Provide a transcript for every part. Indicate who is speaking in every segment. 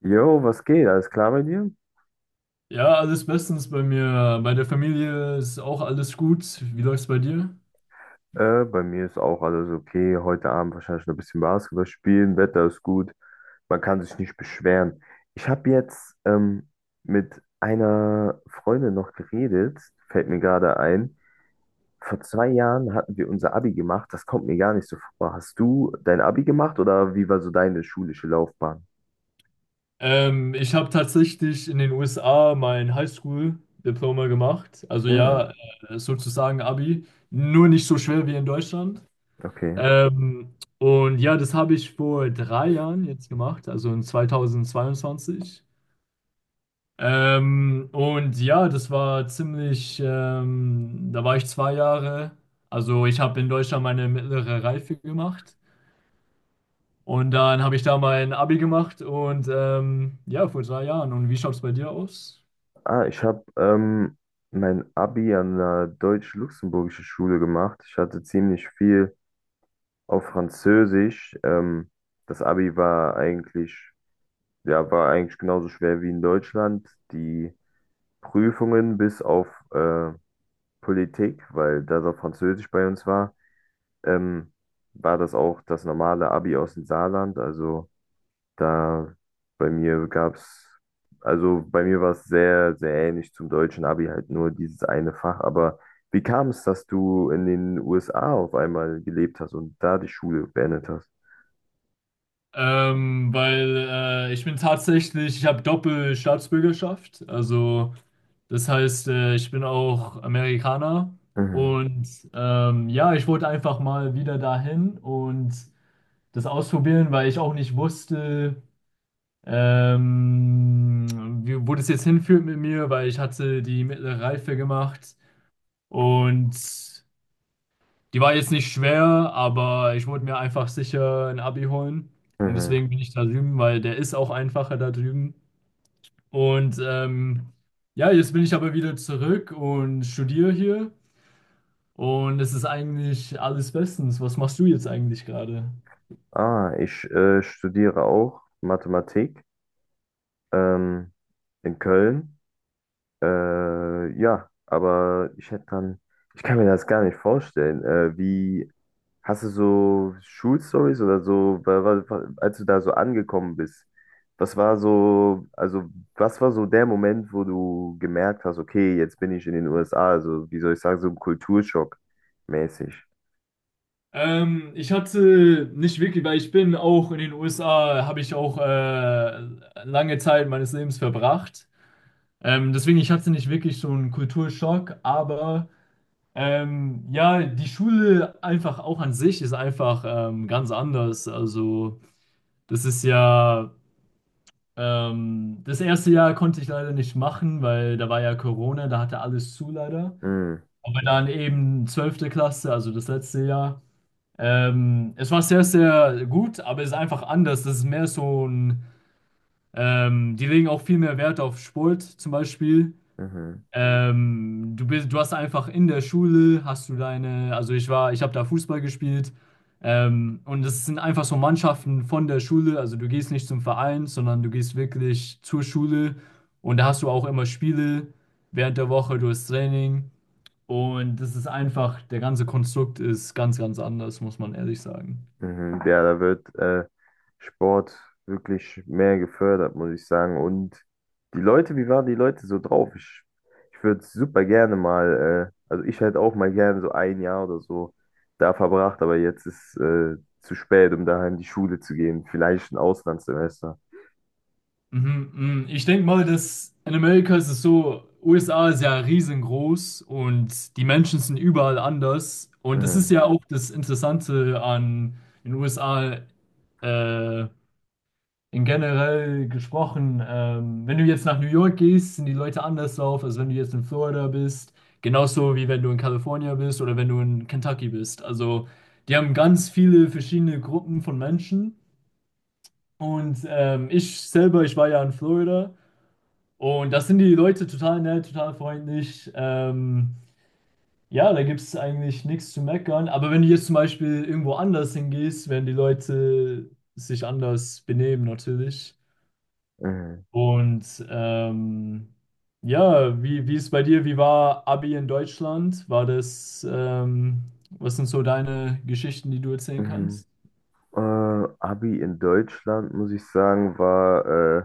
Speaker 1: Jo, was geht? Alles klar bei dir?
Speaker 2: Ja, alles bestens bei mir. Bei der Familie ist auch alles gut. Wie läuft's bei dir?
Speaker 1: Bei mir ist auch alles okay. Heute Abend wahrscheinlich noch ein bisschen Basketball spielen. Wetter ist gut. Man kann sich nicht beschweren. Ich habe jetzt mit einer Freundin noch geredet. Fällt mir gerade ein. Vor 2 Jahren hatten wir unser Abi gemacht. Das kommt mir gar nicht so vor. Hast du dein Abi gemacht oder wie war so deine schulische Laufbahn?
Speaker 2: Ich habe tatsächlich in den USA mein Highschool-Diploma gemacht. Also
Speaker 1: Hm,
Speaker 2: ja, sozusagen Abi. Nur nicht so schwer wie in Deutschland.
Speaker 1: okay.
Speaker 2: Und ja, das habe ich vor drei Jahren jetzt gemacht, also in 2022. Und ja, das war ziemlich, da war ich 2 Jahre. Also ich habe in Deutschland meine mittlere Reife gemacht. Und dann habe ich da mein Abi gemacht und ja, vor 3 Jahren. Und wie schaut es bei dir aus?
Speaker 1: Ich habe mein Abi an einer deutsch-luxemburgischen Schule gemacht. Ich hatte ziemlich viel auf Französisch. Das Abi war war eigentlich genauso schwer wie in Deutschland. Die Prüfungen, bis auf äh, Politik, weil das auf Französisch bei uns war, ähm, war das auch das normale Abi aus dem Saarland. Da bei mir gab's, also bei mir war es sehr, sehr ähnlich zum deutschen Abi, halt nur dieses eine Fach. Aber wie kam es, dass du in den USA auf einmal gelebt hast und da die Schule beendet hast?
Speaker 2: Weil ich habe Doppelstaatsbürgerschaft. Also das heißt, ich bin auch Amerikaner.
Speaker 1: Mhm.
Speaker 2: Und ja, ich wollte einfach mal wieder dahin und das ausprobieren, weil ich auch nicht wusste, ähm, wo das jetzt hinführt mit mir, weil ich hatte die mittlere Reife gemacht. Und die war jetzt nicht schwer, aber ich wollte mir einfach sicher ein Abi holen. Und
Speaker 1: Mhm.
Speaker 2: deswegen bin ich da drüben, weil der ist auch einfacher da drüben. Und ja, jetzt bin ich aber wieder zurück und studiere hier. Und es ist eigentlich alles bestens. Was machst du jetzt eigentlich gerade?
Speaker 1: Ich studiere auch Mathematik ähm, in Köln. Ja, aber Ich kann mir das gar nicht vorstellen. Hast du so Schulstories oder so, als du da so angekommen bist? Also was war so der Moment, wo du gemerkt hast, okay, jetzt bin ich in den USA, also wie soll ich sagen, so ein Kulturschock mäßig?
Speaker 2: Ich hatte nicht wirklich, weil ich bin auch in den USA, habe ich auch lange Zeit meines Lebens verbracht. Deswegen, ich hatte nicht wirklich so einen Kulturschock, aber. Ja, die Schule einfach auch an sich ist einfach ganz anders. Also, das ist ja, das erste Jahr konnte ich leider nicht machen, weil da war ja Corona, da hatte alles zu leider.
Speaker 1: Mhm.
Speaker 2: Aber dann
Speaker 1: Mhm.
Speaker 2: eben 12. Klasse, also das letzte Jahr. Es war sehr, sehr gut, aber es ist einfach anders. Das ist mehr so ein, die legen auch viel mehr Wert auf Sport zum Beispiel.
Speaker 1: Mhm.
Speaker 2: Du hast einfach in der Schule, hast du deine, also ich war, ich habe da Fußball gespielt. Und es sind einfach so Mannschaften von der Schule, also du gehst nicht zum Verein, sondern du gehst wirklich zur Schule und da hast du auch immer Spiele während der Woche, du hast Training und das ist einfach, der ganze Konstrukt ist ganz, ganz anders, muss man ehrlich sagen.
Speaker 1: Mhm, ja, da wird Sport wirklich mehr gefördert, muss ich sagen. Und die Leute, wie waren die Leute so drauf? Ich würde super gerne mal, also ich hätte auch mal gerne so ein Jahr oder so da verbracht, aber jetzt ist zu spät, um daheim in die Schule zu gehen. Vielleicht ein Auslandssemester.
Speaker 2: Mhm, mhm. Ich denke mal, dass in Amerika ist es so, USA ist ja riesengroß und die Menschen sind überall anders. Und das ist
Speaker 1: Mhm,
Speaker 2: ja auch das Interessante an den USA äh, in generell gesprochen. Wenn du jetzt nach New York gehst, sind die Leute anders drauf, als wenn du jetzt in Florida bist. Genauso wie wenn du in Kalifornien bist oder wenn du in Kentucky bist. Also die haben ganz viele verschiedene Gruppen von Menschen. Und ich selber, ich war ja in Florida. Und das sind die Leute total nett, total freundlich. Ja, da gibt es eigentlich nichts zu meckern. Aber wenn du jetzt zum Beispiel irgendwo anders hingehst, werden die Leute sich anders benehmen natürlich.
Speaker 1: mhm,
Speaker 2: Und ja, wie ist bei dir? Wie war Abi in Deutschland? War das, was sind so deine Geschichten, die du erzählen
Speaker 1: mhm.
Speaker 2: kannst?
Speaker 1: Äh, Abi in Deutschland, muss ich sagen, war äh,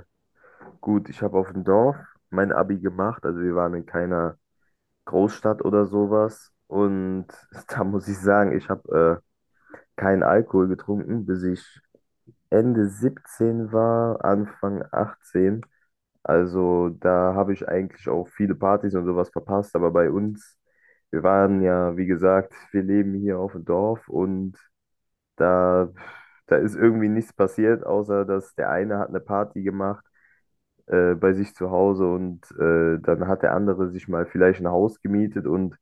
Speaker 1: gut. Ich habe auf dem Dorf mein Abi gemacht, also wir waren in keiner Großstadt oder sowas. Und da muss ich sagen, ich habe keinen Alkohol getrunken, bis ich Ende 17 war, Anfang 18. Also da habe ich eigentlich auch viele Partys und sowas verpasst. Aber bei uns, wir waren ja, wie gesagt, wir leben hier auf dem Dorf und da, da ist irgendwie nichts passiert, außer dass der eine hat eine Party gemacht bei sich zu Hause und dann hat der andere sich mal vielleicht ein Haus gemietet, und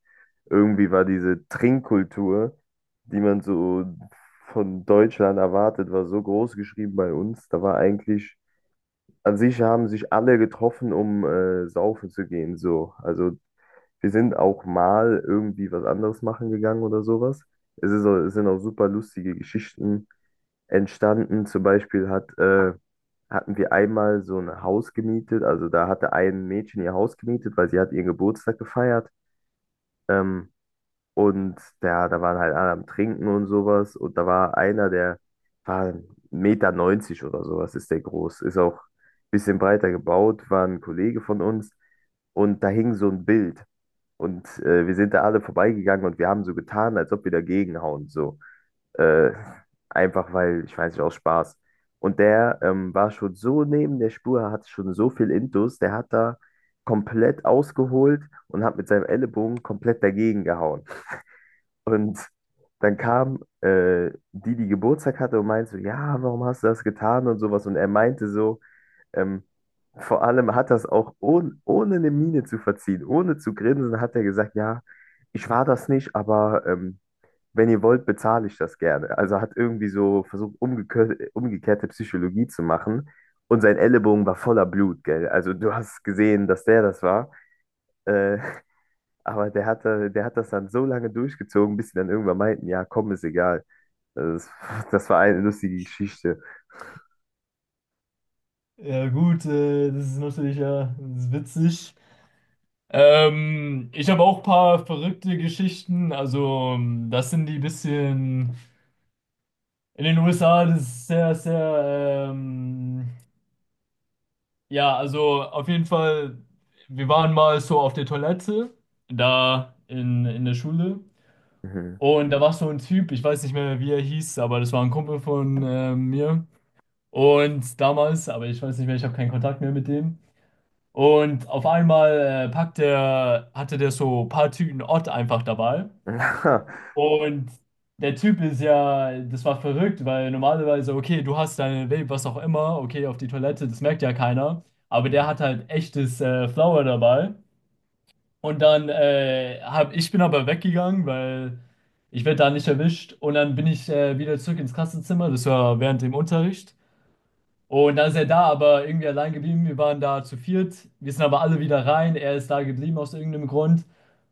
Speaker 1: irgendwie war diese Trinkkultur, die man so von Deutschland erwartet, war so groß geschrieben bei uns. Da war eigentlich, an sich, haben sich alle getroffen, um saufen zu gehen, so. Also wir sind auch mal irgendwie was anderes machen gegangen oder sowas. Es sind auch super lustige Geschichten entstanden. Zum Beispiel hatten wir einmal so ein Haus gemietet. Also da hatte ein Mädchen ihr Haus gemietet, weil sie hat ihren Geburtstag gefeiert. Ähm, und da waren halt alle am Trinken und sowas. Und da war einer, der war 1,90 Meter neunzig oder sowas, ist der groß. Ist auch ein bisschen breiter gebaut, war ein Kollege von uns. Und da hing so ein Bild. Und wir sind da alle vorbeigegangen und wir haben so getan, als ob wir dagegen hauen. So. Äh, einfach weil, ich weiß nicht, aus Spaß. Und der war schon so neben der Spur, hat schon so viel intus, der hat da komplett ausgeholt und hat mit seinem Ellenbogen komplett dagegen gehauen. Und dann kam die, die Geburtstag hatte, und meinte so, ja, warum hast du das getan und sowas. Und er meinte so, ähm, vor allem hat das auch, ohne eine Miene zu verziehen, ohne zu grinsen, hat er gesagt, ja, ich war das nicht, aber wenn ihr wollt, bezahle ich das gerne. Also hat irgendwie so versucht, umgekehrte Psychologie zu machen. Und sein Ellenbogen war voller Blut, gell? Also du hast gesehen, dass der das war. Äh, aber der hat das dann so lange durchgezogen, bis sie dann irgendwann meinten, ja, komm, ist egal. Also das war eine lustige Geschichte.
Speaker 2: Ja gut, das ist natürlich ja das ist witzig. Ich habe auch ein paar verrückte Geschichten. Also, das sind die bisschen in den USA, das ist sehr, sehr, ja, also auf jeden Fall, wir waren mal so auf der Toilette da in der Schule.
Speaker 1: Mhm.
Speaker 2: Und da war so ein Typ, ich weiß nicht mehr, wie er hieß, aber das war ein Kumpel von mir. Und damals, aber ich weiß nicht mehr, ich habe keinen Kontakt mehr mit dem. Und auf einmal hatte der so ein paar Tüten Ott einfach dabei. Und der Typ ist ja, das war verrückt, weil normalerweise, okay, du hast deine Vape, was auch immer, okay, auf die Toilette, das merkt ja keiner. Aber der
Speaker 1: Mhm.
Speaker 2: hat halt echtes Flower dabei. Und dann ich bin aber weggegangen, weil ich werde da nicht erwischt. Und dann bin ich wieder zurück ins Klassenzimmer, das war während dem Unterricht. Und dann ist er da, aber irgendwie allein geblieben. Wir waren da zu viert. Wir sind aber alle wieder rein. Er ist da geblieben aus irgendeinem Grund.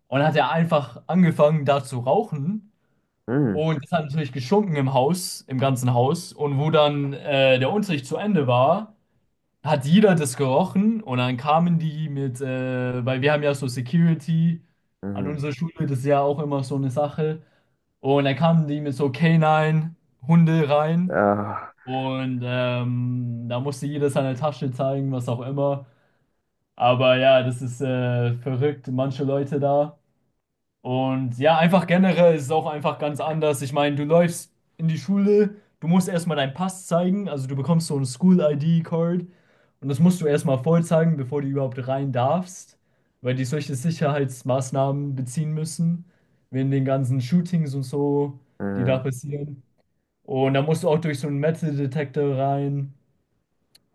Speaker 2: Und dann hat er einfach angefangen, da zu rauchen.
Speaker 1: Mhm.
Speaker 2: Und das hat natürlich geschunken im Haus, im ganzen Haus. Und wo dann der Unterricht zu Ende war, hat jeder das gerochen. Und dann kamen die mit, weil wir haben ja so Security an
Speaker 1: Mhm.
Speaker 2: unserer Schule, das ist ja auch immer so eine Sache. Und dann kamen die mit so k Canine-Hunde rein.
Speaker 1: Ah.
Speaker 2: Und da musste jeder seine Tasche zeigen, was auch immer. Aber ja, das ist verrückt, manche Leute da. Und ja, einfach generell ist es auch einfach ganz anders. Ich meine, du läufst in die Schule, du musst erstmal deinen Pass zeigen, also du bekommst so ein School-ID-Card und das musst du erstmal voll zeigen, bevor du überhaupt rein darfst, weil die solche Sicherheitsmaßnahmen beziehen müssen, wegen den ganzen Shootings und so, die da
Speaker 1: Mhm.
Speaker 2: passieren. Und da musst du auch durch so einen Metal-Detektor rein.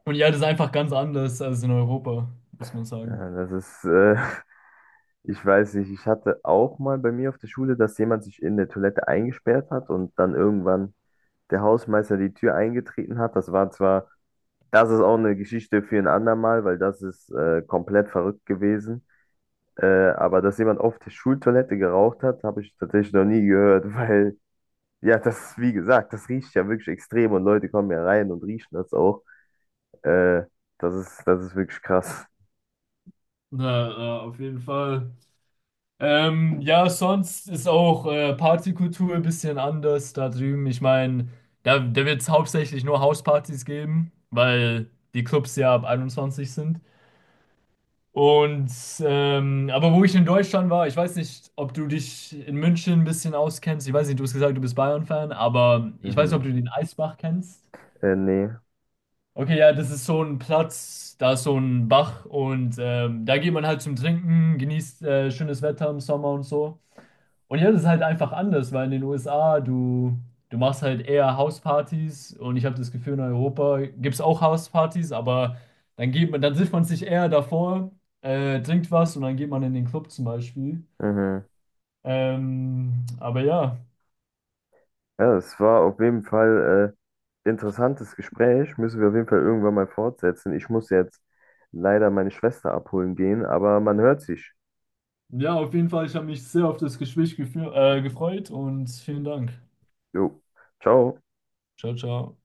Speaker 2: Und ja, das ist einfach ganz anders als in Europa, muss man sagen.
Speaker 1: Ja, ich weiß nicht, ich hatte auch mal bei mir auf der Schule, dass jemand sich in der Toilette eingesperrt hat und dann irgendwann der Hausmeister die Tür eingetreten hat. Das war zwar, das ist auch eine Geschichte für ein andermal, weil das ist komplett verrückt gewesen. Äh, aber dass jemand auf der Schultoilette geraucht hat, habe ich tatsächlich noch nie gehört, weil, ja, das, wie gesagt, das riecht ja wirklich extrem und Leute kommen ja rein und riechen das auch. Äh, das ist wirklich krass.
Speaker 2: Na, na, auf jeden Fall. Ja, sonst ist auch Partykultur ein bisschen anders da drüben. Ich meine, da wird es hauptsächlich nur Hauspartys geben, weil die Clubs ja ab 21 sind. Und aber wo ich in Deutschland war, ich weiß nicht, ob du dich in München ein bisschen auskennst. Ich weiß nicht, du hast gesagt, du bist Bayern-Fan, aber ich weiß nicht, ob
Speaker 1: Mhm.
Speaker 2: du den Eisbach kennst.
Speaker 1: Nee.
Speaker 2: Okay, ja, das ist so ein Platz, da ist so ein Bach und da geht man halt zum Trinken, genießt schönes Wetter im Sommer und so. Und hier ist es halt einfach anders, weil in den USA du machst halt eher Hauspartys und ich habe das Gefühl, in Europa gibt es auch Hauspartys, aber dann trifft man sich eher davor, trinkt was und dann geht man in den Club zum Beispiel.
Speaker 1: Mhm.
Speaker 2: Aber ja,
Speaker 1: Ja, es war auf jeden Fall interessantes Gespräch. Müssen wir auf jeden Fall irgendwann mal fortsetzen. Ich muss jetzt leider meine Schwester abholen gehen, aber man hört sich.
Speaker 2: ja, auf jeden Fall, ich habe mich sehr auf das Gespräch gefreut und vielen Dank.
Speaker 1: Jo, ciao.
Speaker 2: Ciao, ciao.